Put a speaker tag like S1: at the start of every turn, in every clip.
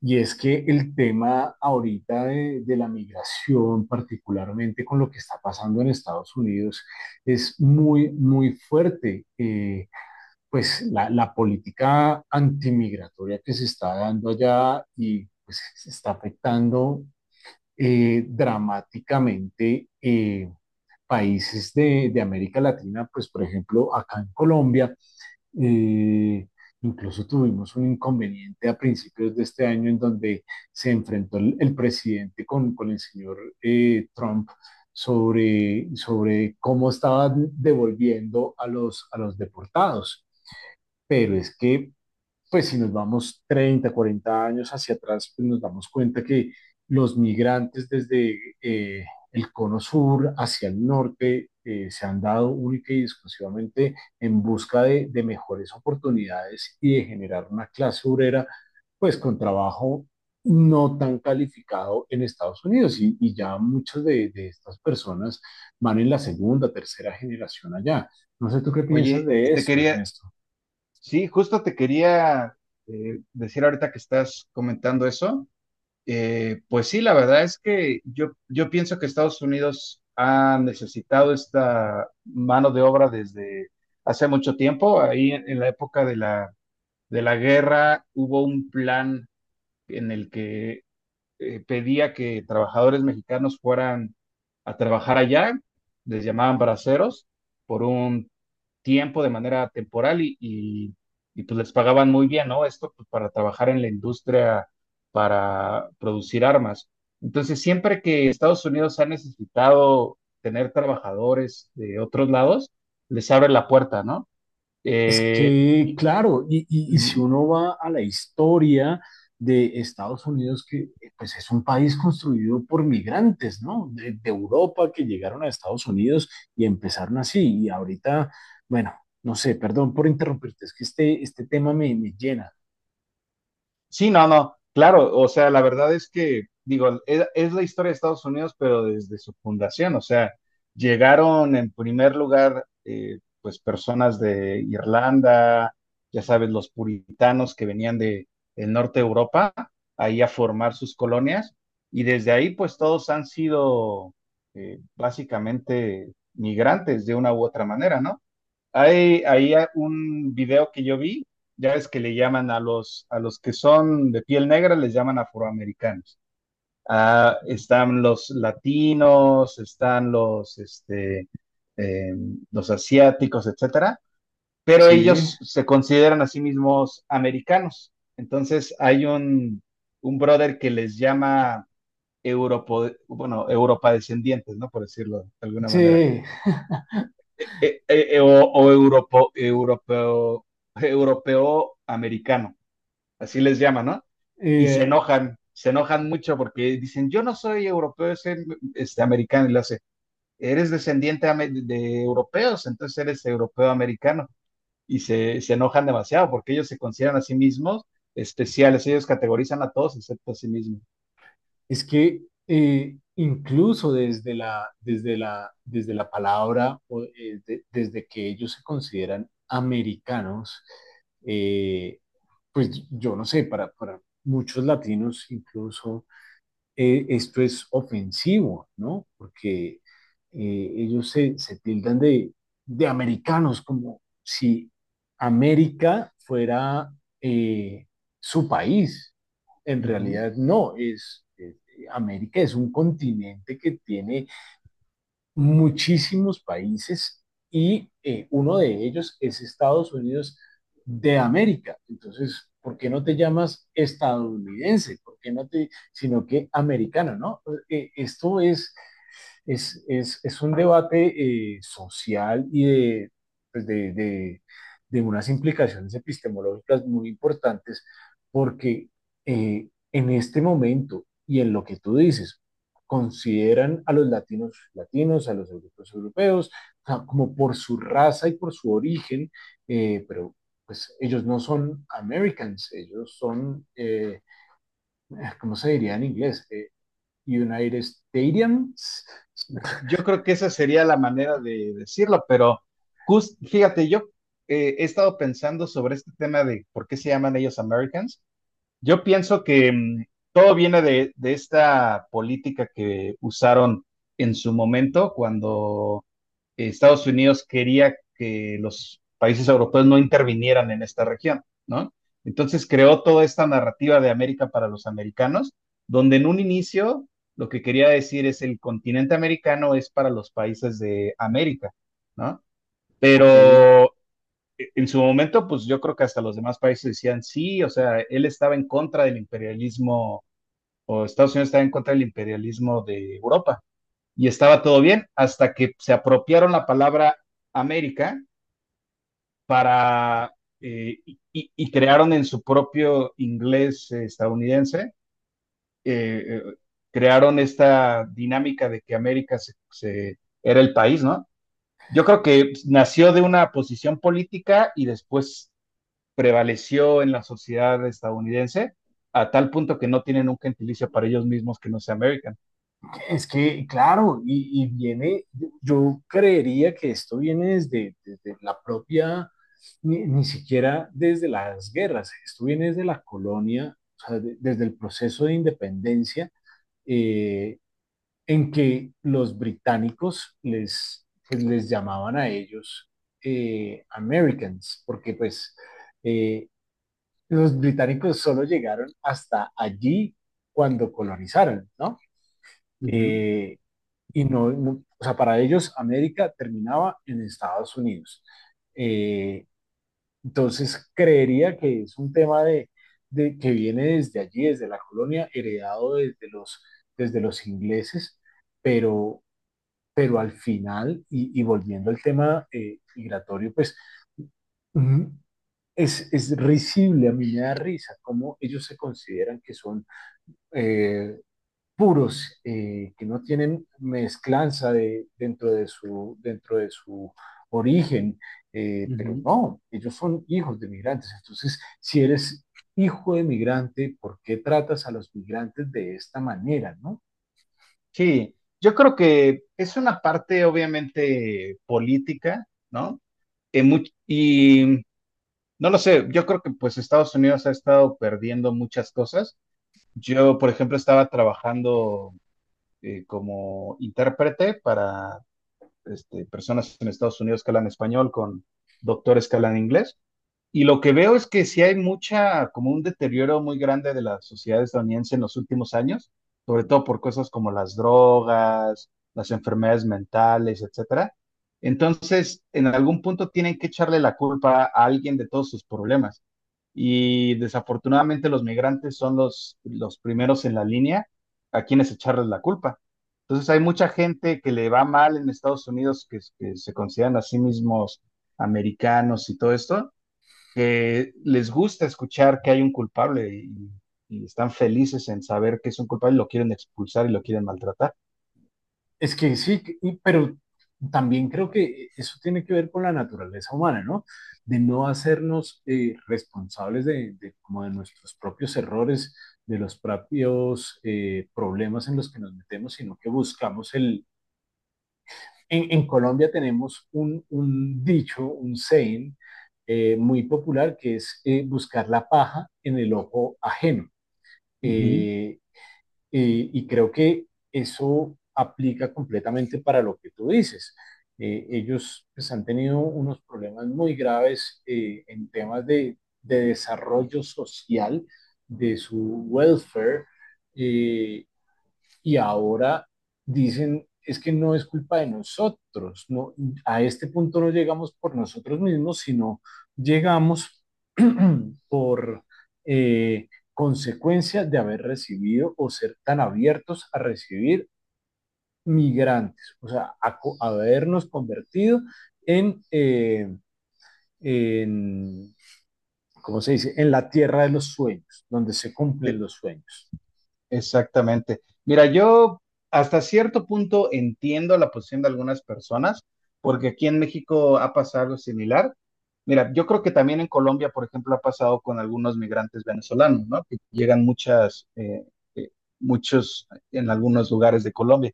S1: Y es que el tema ahorita de la migración, particularmente con lo que está pasando en Estados Unidos, es muy, muy fuerte. Pues la política antimigratoria que se está dando allá y pues se está afectando dramáticamente países de América Latina, pues por ejemplo acá en Colombia eh, incluso tuvimos un inconveniente a principios de este año en donde se enfrentó el presidente con el señor Trump sobre cómo estaban devolviendo a a los deportados. Pero es que pues si nos vamos 30, 40 años hacia atrás, pues nos damos cuenta que los migrantes desde el cono sur hacia el norte se han dado única y exclusivamente en busca de mejores oportunidades y de generar una clase obrera, pues con trabajo no tan calificado en Estados Unidos y ya muchas estas personas van en la segunda, tercera generación allá. No sé tú qué piensas
S2: Oye,
S1: de
S2: te
S1: eso,
S2: quería,
S1: Ernesto.
S2: sí, justo te quería eh, decir ahorita que estás comentando eso. Pues sí, la verdad es que yo pienso que Estados Unidos ha necesitado esta mano de obra desde hace mucho tiempo. Ahí en la época de la guerra hubo un plan en el que pedía que trabajadores mexicanos fueran a trabajar allá, les llamaban braceros, por un tiempo de manera temporal y pues les pagaban muy bien, ¿no? Esto pues, para trabajar en la industria para producir armas. Entonces, siempre que Estados Unidos ha necesitado tener trabajadores de otros lados, les abre la puerta, ¿no?
S1: Es
S2: Eh,
S1: que, claro, y si uno va a la historia de Estados Unidos, que pues es un país construido por migrantes, ¿no? De Europa que llegaron a Estados Unidos y empezaron así. Y ahorita, bueno, no sé, perdón por interrumpirte, es que este tema me llena.
S2: Sí, no, no, claro, o sea, la verdad es que, digo, es la historia de Estados Unidos, pero desde su fundación, o sea, llegaron en primer lugar, pues, personas de Irlanda, ya sabes, los puritanos que venían de, el norte de Europa, ahí a formar sus colonias, y desde ahí, pues, todos han sido básicamente migrantes de una u otra manera, ¿no? Hay, ahí un video que yo vi, ya ves que le llaman a los que son de piel negra, les llaman afroamericanos. Ah, están los latinos, están los, eh, los asiáticos, etcétera, pero
S1: Sí,
S2: ellos se consideran a sí mismos americanos. Entonces hay un brother que les llama Europa descendientes, ¿no? Por decirlo de alguna manera
S1: sí.
S2: europeo, europeo americano, así les llaman, ¿no? Y
S1: Eh,
S2: se enojan mucho porque dicen, yo no soy europeo, soy americano, y le hace, eres de europeos, entonces eres europeo americano, y se enojan demasiado porque ellos se consideran a sí mismos especiales, ellos categorizan a todos excepto a sí mismos.
S1: Es que incluso desde la, desde la, desde la palabra, o, desde que ellos se consideran americanos, eh, pues yo no sé, para muchos latinos incluso esto es ofensivo, ¿no? Porque ellos se, se tildan de americanos, como si América fuera eh, su país. En realidad no, América es un continente que tiene muchísimos países y uno de ellos es Estados Unidos de América. Entonces, ¿por qué no te llamas estadounidense? ¿Por qué no te, sino que americano, ¿no? Esto es es un debate social pues, de unas implicaciones epistemológicas muy importantes, porque en este momento y en lo que tú dices, consideran a los latinos latinos, a los europeos europeos, o sea, como por su raza y por su origen, pero pues ellos no son Americans, ellos son, ¿cómo se diría en inglés? United Stadiums.
S2: Yo creo que esa sería la manera de decirlo, pero fíjate, yo he estado pensando sobre este tema de por qué se llaman ellos Americans. Yo pienso que todo viene de esta política que usaron en su momento cuando Estados Unidos quería que los países europeos no intervinieran en esta región, ¿no? Entonces creó toda esta narrativa de América para los americanos, donde en un inicio lo que quería decir es el continente americano es para los países de América, ¿no?
S1: Ok,
S2: Pero en su momento, pues yo creo que hasta los demás países decían sí, o sea, él estaba en contra del imperialismo, o Estados Unidos estaba en contra del imperialismo de Europa, y estaba todo bien hasta que se apropiaron la palabra América para eh, y, crearon en su propio inglés estadounidense, eh, eh, crearon esta dinámica de que América era el país, ¿no? Yo creo que nació de una posición política y después prevaleció en la sociedad estadounidense a tal punto que no tienen un gentilicio para ellos mismos que no sea American.
S1: es que, claro, y viene, yo creería que esto viene desde, desde la propia, ni, ni siquiera desde las guerras, esto viene desde la colonia, o sea, desde el proceso de independencia, eh, en que los británicos les, pues, les llamaban a ellos Americans, porque pues eh, los británicos solo llegaron hasta allí cuando colonizaron, ¿no?
S2: Uh -huh,
S1: Eh, o sea, para ellos América terminaba en Estados Unidos. Eh, entonces, creería que es un tema de que viene desde allí, desde la colonia, heredado desde desde los ingleses, pero, pero al final, y volviendo al tema migratorio, pues mm, es risible, a mí me da risa cómo ellos se consideran que son eh, puros, que no tienen mezclanza dentro de su origen,
S2: uh
S1: pero
S2: -huh.
S1: no, ellos son hijos de migrantes. Entonces, si eres hijo de migrante, ¿por qué tratas a los migrantes de esta manera, no?
S2: Sí, yo creo que es una parte obviamente política, ¿no? Y no lo sé, yo creo que pues Estados Unidos ha estado perdiendo muchas cosas. Yo, por ejemplo, estaba trabajando como intérprete para personas en Estados Unidos que hablan español con doctores que hablan inglés. Y lo que veo es que sí hay mucha, como un deterioro muy grande de la sociedad estadounidense en los últimos años, sobre todo por cosas como las drogas, las enfermedades mentales, etcétera. Entonces, en algún punto tienen que echarle la culpa a alguien de todos sus problemas. Y desafortunadamente los migrantes son los primeros en la línea a quienes echarles la culpa. Entonces hay mucha gente que le va mal en Estados Unidos, que se consideran a sí mismos americanos y todo esto, que les gusta escuchar que hay un culpable y están felices en saber que es un culpable, lo quieren expulsar y lo quieren maltratar.
S1: Es que sí, pero también creo que eso tiene que ver con la naturaleza humana, ¿no? De no hacernos responsables como de nuestros propios errores, de los propios problemas en los que nos metemos, sino que buscamos el... en Colombia tenemos un dicho, un saying muy popular que es buscar la paja en el ojo ajeno.
S2: Ujú.
S1: Eh, y creo que eso aplica completamente para lo que tú dices. Ellos pues, han tenido unos problemas muy graves en temas desarrollo social, de su welfare, eh, y ahora dicen, es que no es culpa de nosotros, no, a este punto no llegamos por nosotros mismos, sino llegamos por consecuencia de haber recibido o ser tan abiertos a recibir migrantes, o sea, a habernos convertido en, eh, en, ¿cómo se dice?, en la tierra de los sueños, donde se
S2: Eh,
S1: cumplen los sueños.
S2: Exactamente. Mira, yo hasta cierto punto entiendo la posición de algunas personas, porque aquí en México ha pasado algo similar. Mira, yo creo que también en Colombia, por ejemplo, ha pasado con algunos migrantes venezolanos, ¿no? Que llegan muchas, eh, muchos en algunos lugares de Colombia.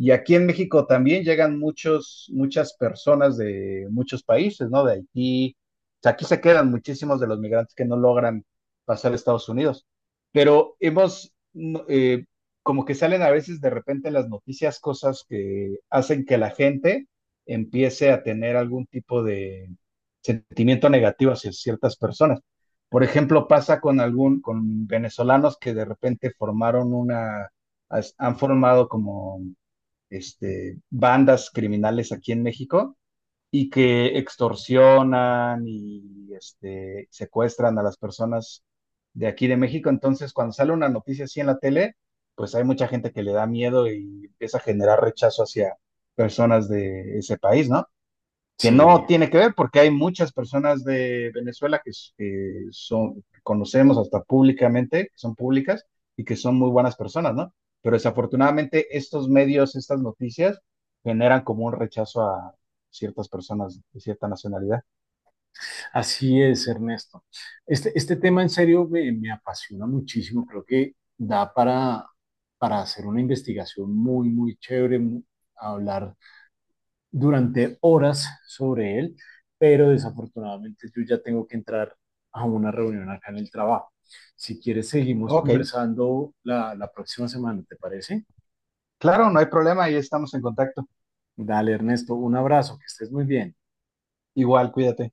S2: Y aquí en México también llegan muchos, muchas personas de muchos países, ¿no? De Haití. O sea, aquí se quedan muchísimos de los migrantes que no logran pasar a Estados Unidos. Pero hemos, no, como que salen a veces de repente en las noticias cosas que hacen que la gente empiece a tener algún tipo de sentimiento negativo hacia ciertas personas. Por ejemplo, pasa con algún, con venezolanos que de repente formaron han formado como bandas criminales aquí en México y que extorsionan y secuestran a las personas de aquí de México. Entonces, cuando sale una noticia así en la tele, pues hay mucha gente que le da miedo y empieza a generar rechazo hacia personas de ese país, ¿no? Que
S1: Sí.
S2: no tiene que ver porque hay muchas personas de Venezuela que, son, conocemos hasta públicamente, que son públicas y que son muy buenas personas, ¿no? Pero desafortunadamente estos medios, estas noticias, generan como un rechazo a ciertas personas de cierta nacionalidad.
S1: Así es, Ernesto. Este tema en serio me, me apasiona muchísimo. Creo que da para hacer una investigación muy, muy chévere, hablar durante horas sobre él, pero desafortunadamente yo ya tengo que entrar a una reunión acá en el trabajo. Si quieres, seguimos
S2: Ok,
S1: conversando la próxima semana, ¿te parece?
S2: claro, no hay problema, ahí estamos en contacto.
S1: Dale, Ernesto, un abrazo, que estés muy bien.
S2: Igual, cuídate.